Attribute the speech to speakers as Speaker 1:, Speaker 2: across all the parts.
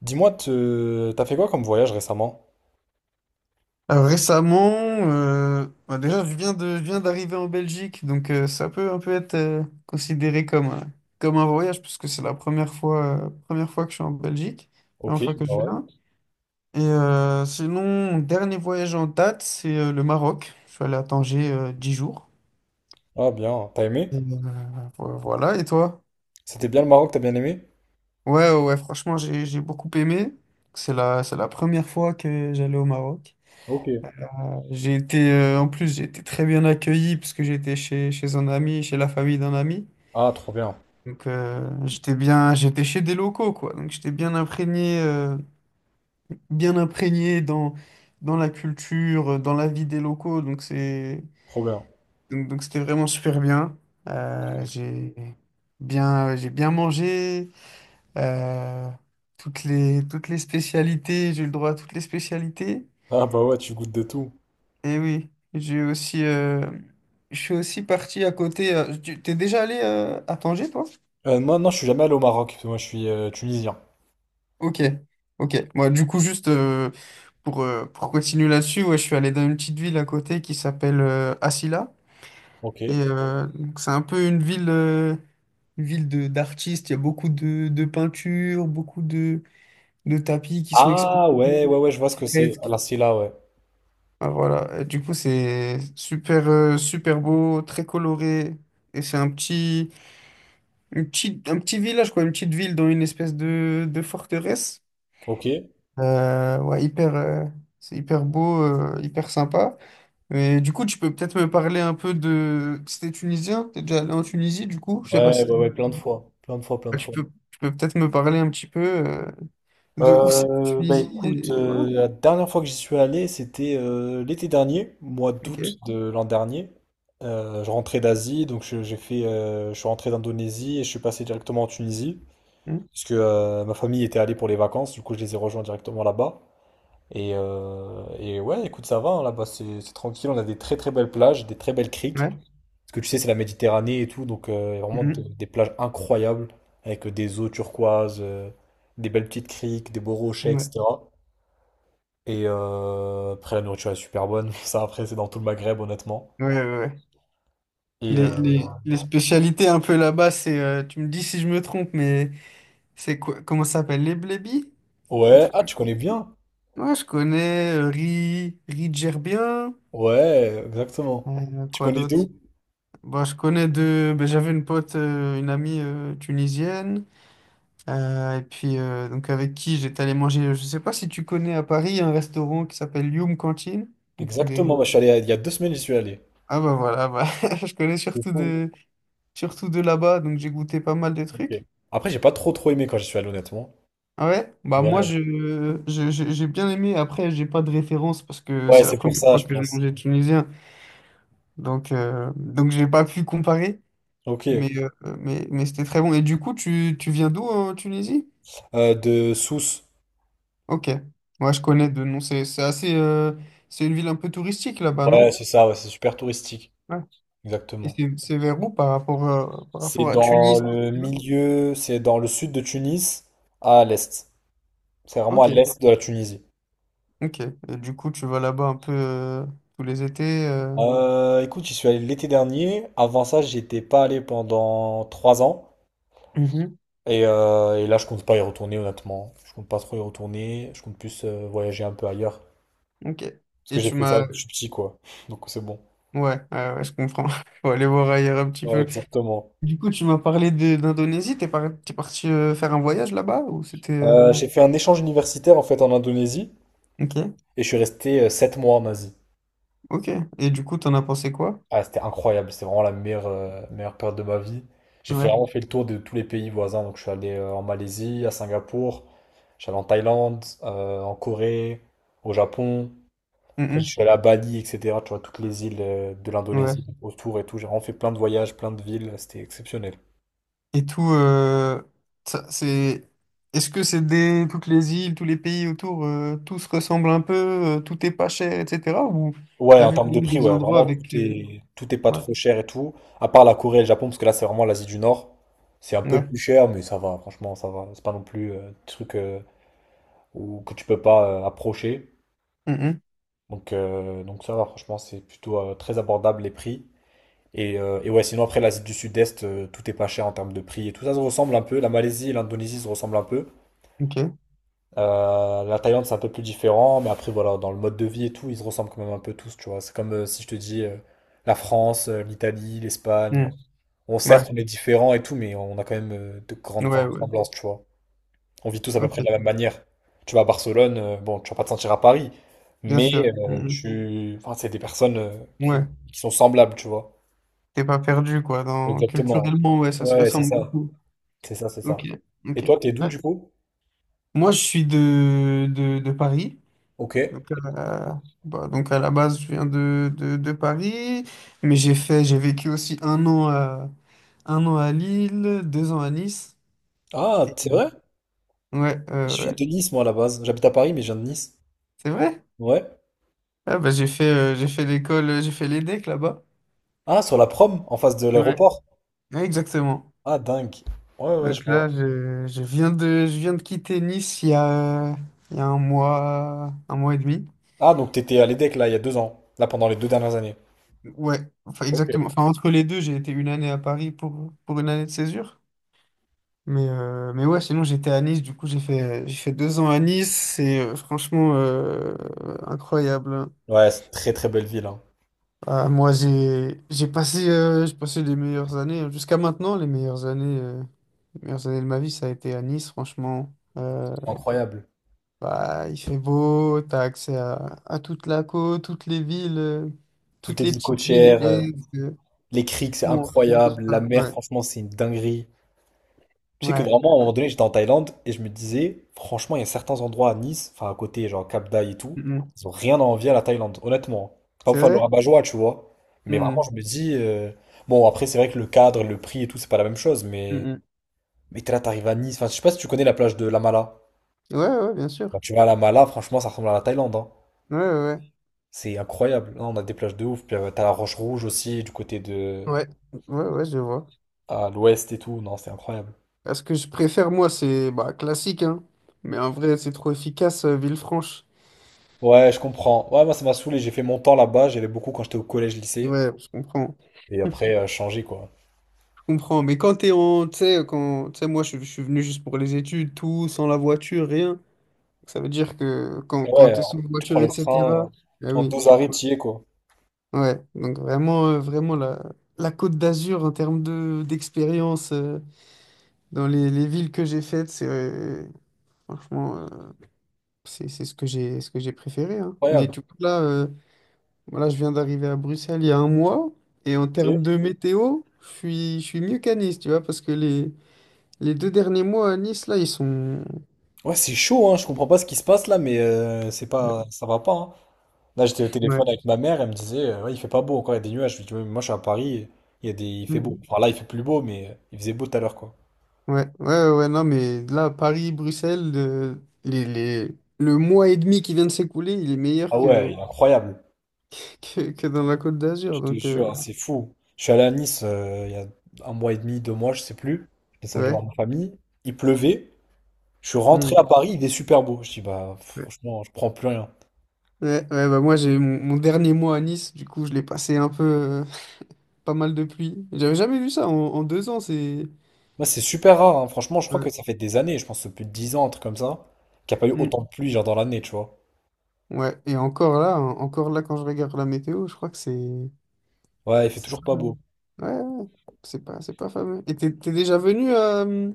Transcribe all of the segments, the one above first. Speaker 1: Dis-moi, tu- t'as fait quoi comme voyage récemment?
Speaker 2: Alors récemment, euh, bah, déjà je viens de, je viens d'arriver en Belgique, donc euh, ça peut un peu être euh, considéré comme, un- comme un voyage, puisque c'est la première fois, euh, première fois que je suis en Belgique,
Speaker 1: Ok,
Speaker 2: première fois que
Speaker 1: bah
Speaker 2: je
Speaker 1: ouais.
Speaker 2: viens. Et euh, sinon, mon dernier voyage en date, c'est euh, le Maroc. Je suis allé à Tanger euh, 10 jours.
Speaker 1: Ah bien, t'as aimé?
Speaker 2: Et, euh, vo- voilà, et toi?
Speaker 1: C'était bien le Maroc, t'as bien aimé?
Speaker 2: Ouais, ouais, ouais, franchement, j'ai, j'ai beaucoup aimé. C'est la, c'est la première fois que j'allais au Maroc.
Speaker 1: Ok.
Speaker 2: J'ai été, euh, en plus, j'ai été très bien accueilli parce que j'étais chez, chez un ami, chez la famille d'un ami.
Speaker 1: Ah trop bien,
Speaker 2: Donc, euh, j'étais bien, j'étais chez des locaux, quoi. Donc, j'étais bien imprégné, euh, bien imprégné dans, dans la culture, euh, dans la vie des locaux. Donc, c'est,
Speaker 1: trop bien.
Speaker 2: donc, donc, c'était vraiment super bien. Euh, j'ai bien, j'ai bien mangé. euh, toutes les, toutes les spécialités, j'ai eu le droit à toutes les spécialités.
Speaker 1: Ah bah ouais, tu goûtes de tout.
Speaker 2: Et oui, j'ai aussi, euh, je suis aussi parti à côté. euh, tu t'es déjà allé euh, à Tanger, toi?
Speaker 1: Euh, moi non, je suis jamais allé au Maroc, parce que moi je suis euh, tunisien.
Speaker 2: Ok, ok. Moi, du coup, juste euh, pour, euh, pour continuer là-dessus, ouais, je suis allé dans une petite ville à côté qui s'appelle euh, Asila.
Speaker 1: Ok.
Speaker 2: Et euh, donc, c'est un peu une ville, euh, une ville de d'artistes. Il y a beaucoup de, de peintures, beaucoup de, de tapis qui sont exposés,
Speaker 1: Ah ouais, ouais, ouais, je vois
Speaker 2: de
Speaker 1: ce que c'est.
Speaker 2: fresques.
Speaker 1: La Silla, ouais.
Speaker 2: Ah, voilà. Et du coup, c'est super, euh, super beau, très coloré. Et c'est un petit. Une petite, un petit village, quoi, une petite ville dans une espèce de, de forteresse.
Speaker 1: Ok. Ouais,
Speaker 2: Euh, ouais, hyper, euh, c'est hyper beau, euh, hyper sympa. Mais du coup, tu peux peut-être me parler un peu de... C'était tunisien? T'es déjà allé en Tunisie, du coup? Je sais pas
Speaker 1: ouais,
Speaker 2: si...
Speaker 1: ouais, plein de fois. Plein de fois, plein
Speaker 2: Ouais,
Speaker 1: de
Speaker 2: Tu
Speaker 1: fois.
Speaker 2: peux, tu peux peut-être me parler un petit peu euh, de où c'est la
Speaker 1: Euh, bah
Speaker 2: Tunisie
Speaker 1: écoute,
Speaker 2: et... Voilà.
Speaker 1: euh, la dernière fois que j'y suis allé, c'était euh, l'été dernier, mois d'août
Speaker 2: Ok.
Speaker 1: de l'an dernier. Euh, je rentrais d'Asie, donc je, j'ai fait, euh, je suis rentré d'Indonésie et je suis passé directement en Tunisie,
Speaker 2: Mhm.
Speaker 1: parce que euh, ma famille était allée pour les vacances, du coup je les ai rejoints directement là-bas. Et, euh, et ouais, écoute, ça va, hein, là-bas c'est c'est tranquille, on a des très très belles plages, des très belles criques,
Speaker 2: Ouais.
Speaker 1: parce que tu sais c'est la Méditerranée et tout, donc euh, il y a vraiment de-
Speaker 2: Mhm.
Speaker 1: des plages incroyables, avec des eaux turquoises. euh, des belles petites criques, des beaux rochers,
Speaker 2: Ouais.
Speaker 1: etc. Et euh, après, la nourriture est super bonne. Ça, après, c'est dans tout le Maghreb, honnêtement.
Speaker 2: Ouais, ouais, ouais.
Speaker 1: Et
Speaker 2: Les,
Speaker 1: euh,
Speaker 2: les, les spécialités un peu là-bas, c'est... euh, tu me dis si je me trompe, mais c'est quoi? Comment ça s'appelle? Les blébis? Un
Speaker 1: ouais, ah,
Speaker 2: truc
Speaker 1: tu connais bien?
Speaker 2: Moi, je connais euh, Ri, Ri Djerbia.
Speaker 1: Ouais, exactement.
Speaker 2: Euh,
Speaker 1: Tu
Speaker 2: quoi
Speaker 1: connais
Speaker 2: d'autre?
Speaker 1: d'où?
Speaker 2: Bah, je connais deux ben, j'avais une pote, euh, une amie euh, tunisienne. Euh, et puis, euh, donc avec qui j'étais allé manger. euh, Je sais pas si tu connais à Paris un restaurant qui s'appelle Youm Cantine. Donc, c'est
Speaker 1: Exactement,
Speaker 2: des...
Speaker 1: moi, je suis allé il y a deux semaines, j'y suis allé.
Speaker 2: Ah, bah voilà, bah, je connais
Speaker 1: C'est
Speaker 2: surtout
Speaker 1: fou.
Speaker 2: de, surtout de là-bas. Donc, j'ai goûté pas mal de
Speaker 1: ok.
Speaker 2: trucs.
Speaker 1: Après, j'ai pas trop trop aimé quand j'y suis allé, honnêtement.
Speaker 2: Ah Ouais, bah moi
Speaker 1: Ouais,
Speaker 2: je, je- je- j'ai bien aimé. Après, j'ai pas de référence parce que
Speaker 1: ouais,
Speaker 2: c'est la
Speaker 1: c'est pour
Speaker 2: première
Speaker 1: ça,
Speaker 2: fois
Speaker 1: je
Speaker 2: que je
Speaker 1: pense.
Speaker 2: mangeais tunisien. Donc, euh, donc j'ai pas pu comparer,
Speaker 1: Ok.
Speaker 2: mais, euh, mais, mais c'était très bon. Et du coup, tu, tu viens d'où en Tunisie?
Speaker 1: Euh, de Sousse.
Speaker 2: Ok. Moi, je connais de nom. C'est c'est assez. euh, c'est une ville un peu touristique là-bas, non?
Speaker 1: Ouais, c'est ça, ouais, c'est super touristique.
Speaker 2: Ouais. Et
Speaker 1: Exactement.
Speaker 2: c'est c'est vers où par rapport, à- par
Speaker 1: C'est
Speaker 2: rapport à
Speaker 1: dans
Speaker 2: Tunis?
Speaker 1: le
Speaker 2: tu vois
Speaker 1: milieu, c'est dans le sud de Tunis, à l'est. C'est vraiment à
Speaker 2: Ok,
Speaker 1: l'est de la Tunisie.
Speaker 2: ok. Et du coup, tu vas là-bas un peu euh, tous les étés. euh.
Speaker 1: Euh, écoute, j'y suis allé l'été dernier. Avant ça, j'y étais pas allé pendant trois ans.
Speaker 2: Mhm.
Speaker 1: Et, euh, et là, je compte pas y retourner, honnêtement. Je compte pas trop y retourner. Je compte plus euh, voyager un peu ailleurs.
Speaker 2: Ok.
Speaker 1: Parce que
Speaker 2: Et
Speaker 1: j'ai
Speaker 2: tu
Speaker 1: fait ça
Speaker 2: m'as.
Speaker 1: depuis petit, quoi. Donc c'est bon.
Speaker 2: Ouais, ouais, ouais, je comprends. Faut aller voir ailleurs un petit
Speaker 1: Ouais,
Speaker 2: peu.
Speaker 1: exactement.
Speaker 2: Du coup, tu m'as parlé de- d'Indonésie. T'es par... t'es parti euh, faire un voyage là-bas ou c'était. euh,
Speaker 1: Euh, j'ai fait un échange universitaire, en fait, en Indonésie.
Speaker 2: Ok,
Speaker 1: Et je suis resté euh, sept mois en Asie.
Speaker 2: ok. Et du coup, t'en as pensé quoi?
Speaker 1: Ah, c'était incroyable, c'était vraiment la meilleure, euh, meilleure période de ma vie. J'ai fait- vraiment
Speaker 2: Ouais.
Speaker 1: fait le tour de tous les pays voisins, donc je suis allé euh, en Malaisie, à Singapour, j'allais en Thaïlande, euh, en Corée, au Japon, après je
Speaker 2: Mm,
Speaker 1: suis allé à Bali, etc. Tu vois, toutes les îles euh, de
Speaker 2: mm, ouais.
Speaker 1: l'Indonésie autour et tout. J'ai vraiment fait plein de voyages, plein de villes, c'était exceptionnel.
Speaker 2: Et tout, euh, ça, c'est. Est-ce que c'est des toutes les îles, tous les pays autour, euh, tout se ressemble un peu, euh, tout est pas cher, etc. Ou
Speaker 1: Ouais,
Speaker 2: t'as
Speaker 1: en
Speaker 2: vu
Speaker 1: termes
Speaker 2: quand
Speaker 1: de
Speaker 2: même
Speaker 1: prix,
Speaker 2: des
Speaker 1: ouais,
Speaker 2: endroits
Speaker 1: vraiment tout
Speaker 2: avec. euh,
Speaker 1: est, tout est pas
Speaker 2: Ouais,
Speaker 1: trop cher et tout, à part la Corée et le Japon, parce que là c'est vraiment l'Asie du Nord. C'est un peu
Speaker 2: ouais.
Speaker 1: plus cher, mais ça va, franchement, ça va. C'est pas non plus euh, des trucs euh, ou que tu peux pas euh, approcher.
Speaker 2: Mm, mm,
Speaker 1: Donc, euh, donc ça va, franchement, c'est plutôt euh, très abordable les prix. Et, euh, et ouais, sinon après l'Asie du Sud-Est, euh, tout est pas cher en termes de prix et tout ça se ressemble un peu. La Malaisie et l'Indonésie se ressemblent un peu.
Speaker 2: ok.
Speaker 1: Euh, la Thaïlande, c'est un peu plus différent, mais après, voilà, dans le mode de vie et tout, ils se ressemblent quand même un peu tous, tu vois. C'est comme euh, si je te dis euh, la France, euh, l'Italie, l'Espagne.
Speaker 2: Mm,
Speaker 1: On,
Speaker 2: ouais,
Speaker 1: certes, on est différents et tout, mais on a quand même euh, de grandes,
Speaker 2: ouais,
Speaker 1: grandes
Speaker 2: ouais.
Speaker 1: ressemblances, tu vois. On vit tous à peu près de la même
Speaker 2: Ok,
Speaker 1: manière. Tu vas à Barcelone, euh, bon, tu vas pas te sentir à Paris,
Speaker 2: bien
Speaker 1: mais
Speaker 2: sûr.
Speaker 1: euh,
Speaker 2: Mm,
Speaker 1: tu, enfin, c'est des personnes euh,
Speaker 2: mm.
Speaker 1: qui,
Speaker 2: Ouais.
Speaker 1: qui sont semblables, tu vois.
Speaker 2: T'es pas perdu, quoi. Dans...
Speaker 1: Exactement.
Speaker 2: Culturellement, ouais, ça se
Speaker 1: Ouais, c'est
Speaker 2: ressemble
Speaker 1: ça.
Speaker 2: beaucoup.
Speaker 1: C'est ça, c'est ça.
Speaker 2: Ok,
Speaker 1: Et
Speaker 2: ok.
Speaker 1: toi, t'es d'où
Speaker 2: Ouais.
Speaker 1: du coup?
Speaker 2: Moi, je suis de, de, de Paris.
Speaker 1: Ok.
Speaker 2: Donc, euh, bah, donc à la base, je viens de, de, de Paris, mais j'ai fait, j'ai vécu aussi un an à, un an à Lille, deux ans à Nice.
Speaker 1: Ah, c'est vrai?
Speaker 2: Ouais, euh,
Speaker 1: Je viens
Speaker 2: ouais.
Speaker 1: de Nice, moi, à la base. J'habite à Paris, mais je viens de Nice.
Speaker 2: C'est vrai?
Speaker 1: Ouais.
Speaker 2: Ah, bah, j'ai fait, euh, j'ai fait l'école, euh, j'ai fait l'EDEC là-bas.
Speaker 1: Ah, sur la prom, en face de
Speaker 2: Ouais.
Speaker 1: l'aéroport.
Speaker 2: Ouais, exactement.
Speaker 1: Ah, dingue. Ouais, ouais, je
Speaker 2: Donc là,
Speaker 1: vois.
Speaker 2: je, je viens de, je viens de quitter Nice il y a, euh, il y a un mois, un mois et demi.
Speaker 1: Ah, donc t'étais à l'EDEC, là, il y a deux ans. Là, pendant les deux dernières années.
Speaker 2: Ouais, enfin
Speaker 1: Ok.
Speaker 2: exactement. Enfin, entre les deux, j'ai été une année à Paris pour, pour une année de césure. Mais, euh, mais ouais, sinon j'étais à Nice, du coup j'ai fait, j'ai fait deux ans à Nice, c'est euh, franchement euh, incroyable.
Speaker 1: Ouais, c'est une très, très belle ville, hein.
Speaker 2: Ah, moi j'ai j'ai passé, euh, j'ai passé les meilleures années, hein. jusqu'à maintenant les meilleures années, euh, les meilleures années de ma vie, ça a été à Nice, franchement. Euh,
Speaker 1: Incroyable.
Speaker 2: bah, il fait beau, t'as accès à, à toute la côte, toutes les villes, euh,
Speaker 1: Tout
Speaker 2: toutes
Speaker 1: est
Speaker 2: les
Speaker 1: ville
Speaker 2: petites villes,
Speaker 1: côtière.
Speaker 2: Aigle, euh,
Speaker 1: Les criques, c'est
Speaker 2: Menton, tout
Speaker 1: incroyable. La mer,
Speaker 2: Ouais,
Speaker 1: franchement, c'est une dinguerie. Tu sais que
Speaker 2: ouais.
Speaker 1: vraiment, à un moment donné, j'étais en Thaïlande et je me disais, franchement, il y a certains endroits à Nice, enfin à côté, genre Cap Dai et tout,
Speaker 2: Mm, mm.
Speaker 1: ils ont rien à envier à la Thaïlande, honnêtement. C'est pas pour
Speaker 2: C'est
Speaker 1: faire le
Speaker 2: vrai?
Speaker 1: rabat-joie, tu vois. Mais vraiment,
Speaker 2: Mm,
Speaker 1: je me dis, euh, bon, après, c'est vrai que le cadre, le prix et tout, c'est pas la même chose,
Speaker 2: mm,
Speaker 1: mais,
Speaker 2: mm.
Speaker 1: mais t'es là, t'arrives à Nice. Enfin, je sais pas si tu connais la plage de La Mala.
Speaker 2: Ouais, ouais, bien
Speaker 1: Quand
Speaker 2: sûr.
Speaker 1: tu vas à La Mala, franchement, ça ressemble à la Thaïlande, hein.
Speaker 2: Ouais, ouais. ouais.
Speaker 1: C'est incroyable. Non, on a des plages de ouf. Puis euh, t'as la Roche Rouge aussi, du côté de,
Speaker 2: Ouais, ouais, ouais, je vois.
Speaker 1: à l'ouest et tout. Non, c'est incroyable.
Speaker 2: Parce que je préfère, moi, c'est bah, classique, hein. Mais en vrai, c'est trop efficace, euh, Villefranche.
Speaker 1: Ouais, je comprends. Ouais, moi, ça m'a saoulé. J'ai fait mon temps là-bas. J'allais beaucoup quand j'étais au collège-lycée.
Speaker 2: Ouais, je comprends.
Speaker 1: Et après, euh, changer, quoi.
Speaker 2: Je comprends. Mais quand t'es en. Tu sais, quand. Tu sais, moi, je, je suis venu juste pour les études, tout, sans la voiture, rien. Ça veut dire que quand,
Speaker 1: Ouais,
Speaker 2: quand t'es sans
Speaker 1: alors, tu
Speaker 2: voiture,
Speaker 1: prends
Speaker 2: et
Speaker 1: le
Speaker 2: etc.
Speaker 1: train, euh,
Speaker 2: Ah
Speaker 1: en
Speaker 2: oui,
Speaker 1: deux
Speaker 2: tu
Speaker 1: arrêts,
Speaker 2: peux-
Speaker 1: t'y es, quoi.
Speaker 2: Ouais, donc vraiment, euh, vraiment la, la Côte d'Azur en termes de, d'expérience euh, dans les, les villes que j'ai faites, c'est. euh, Franchement, euh, c'est c'est ce que j'ai ce que j'ai préféré. hein. Mais
Speaker 1: Incroyable.
Speaker 2: tu vois, là, euh, Voilà, je viens d'arriver à Bruxelles il y a un mois et en
Speaker 1: Ok.
Speaker 2: termes de Ok. météo, je suis, je suis mieux qu'à Nice, tu vois, parce que les, les deux derniers mois à Nice, là, ils sont...
Speaker 1: Ouais, c'est chaud, hein. Je comprends pas ce qui se passe là, mais euh, c'est
Speaker 2: Ouais.
Speaker 1: pas, ça va pas, hein. Là, j'étais au
Speaker 2: Ouais,
Speaker 1: téléphone avec ma mère. Elle me disait, euh, ouais, il fait pas beau encore. Il y a des nuages. Je lui dis, Ouais, mais moi, je suis à Paris. Il y a des, il fait beau.
Speaker 2: Mhm.
Speaker 1: Enfin, là, il fait plus beau, mais euh, il faisait beau tout à l'heure, quoi.
Speaker 2: ouais, ouais, ouais, non, mais là, Paris, Bruxelles, le, les, les- le mois et demi qui vient de s'écouler, il est meilleur
Speaker 1: Ah ouais,
Speaker 2: que,
Speaker 1: il est incroyable.
Speaker 2: que, que dans la Côte d'Azur,
Speaker 1: Je te
Speaker 2: donc euh,
Speaker 1: jure, hein, c'est fou. Je suis allé à Nice euh, il y a un mois et demi, deux mois, je sais plus. Je suis descendu
Speaker 2: ouais.
Speaker 1: voir ma famille. Il pleuvait. Je suis rentré à
Speaker 2: Mhm.
Speaker 1: Paris, il est super beau. Je dis, bah,
Speaker 2: Ouais,
Speaker 1: franchement, je prends plus rien.
Speaker 2: ouais, ouais, bah moi, j'ai mon, mon dernier mois à Nice, du coup, je l'ai passé un peu... euh, pas mal de pluie. J'avais jamais vu ça en, en deux ans, c'est...
Speaker 1: Moi, c'est super rare, hein. Franchement, je crois
Speaker 2: Ouais.
Speaker 1: que ça fait des années, je pense plus de 10 ans, un truc comme ça, qu'il n'y a pas eu autant de pluie, genre dans l'année, tu vois.
Speaker 2: Ouais, et encore là, en- encore là, quand je regarde la météo, je crois que c'est.
Speaker 1: Ouais, il fait
Speaker 2: c'est
Speaker 1: toujours
Speaker 2: pas
Speaker 1: pas
Speaker 2: mal.
Speaker 1: beau.
Speaker 2: Ouais, ouais, ouais. c'est pas, c'est pas fameux. Et t'es t'es déjà venu à, euh,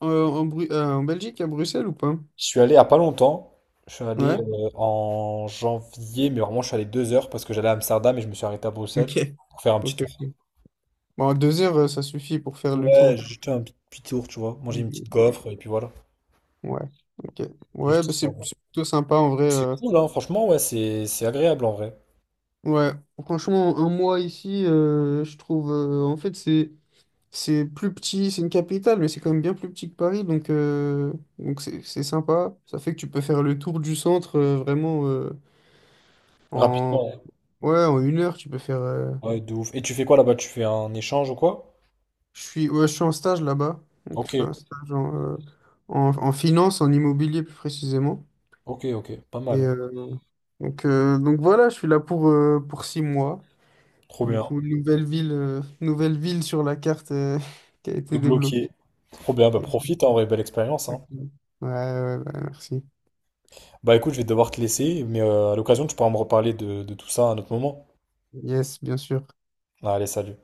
Speaker 2: en, en Bru- euh, en Belgique, à Bruxelles ou pas?
Speaker 1: Je suis allé il y a pas longtemps. Je suis allé
Speaker 2: Ouais?
Speaker 1: euh, en janvier, mais vraiment, je suis allé deux heures parce que j'allais à Amsterdam et je me suis arrêté à Bruxelles
Speaker 2: Ok.
Speaker 1: pour faire un petit
Speaker 2: Ok,
Speaker 1: tour.
Speaker 2: ok. Bon, en deux heures, euh, ça suffit pour faire le tour
Speaker 1: Ouais,
Speaker 2: de-
Speaker 1: juste un petit petit tour, tu vois. Manger une petite
Speaker 2: du.
Speaker 1: gaufre et puis voilà.
Speaker 2: Ouais, ok. Ouais,
Speaker 1: Juste
Speaker 2: bah, c'est
Speaker 1: histoire, ouais.
Speaker 2: c'est plutôt sympa en vrai.
Speaker 1: C'est
Speaker 2: euh.
Speaker 1: cool, hein. Franchement, ouais, c'est c'est agréable en vrai.
Speaker 2: Ouais, franchement, un mois ici, euh, je trouve. euh, en fait, c'est. C'est plus petit, c'est une capitale, mais c'est quand même bien plus petit que Paris, donc euh, donc c'est c'est sympa. Ça fait que tu peux faire le tour du centre euh, vraiment euh, en
Speaker 1: Rapidement. hein.
Speaker 2: ouais en une heure. Tu peux faire. euh,
Speaker 1: Ouais, de ouf. Et tu fais quoi là-bas? Tu fais un échange ou quoi?
Speaker 2: Je suis ouais, je suis en stage là-bas, donc je
Speaker 1: Ok.
Speaker 2: fais un stage en, euh, en, en finance, en immobilier plus précisément.
Speaker 1: Ok, ok, pas
Speaker 2: Et
Speaker 1: mal.
Speaker 2: euh, donc euh, donc voilà, je suis là pour euh, pour six mois.
Speaker 1: Trop
Speaker 2: Du
Speaker 1: bien.
Speaker 2: coup, nouvelle ville, euh, nouvelle ville sur la carte euh, qui a
Speaker 1: T'es
Speaker 2: été débloquée.
Speaker 1: bloqué. Trop bien, bah
Speaker 2: Et-
Speaker 1: profite, hein, en vrai, belle expérience. hein.
Speaker 2: ouais, ouais, ouais, merci.
Speaker 1: Bah écoute, je vais devoir te laisser, mais euh, à l'occasion, tu pourras me reparler de, de tout ça à un autre moment.
Speaker 2: Yes, bien sûr.
Speaker 1: Allez, salut.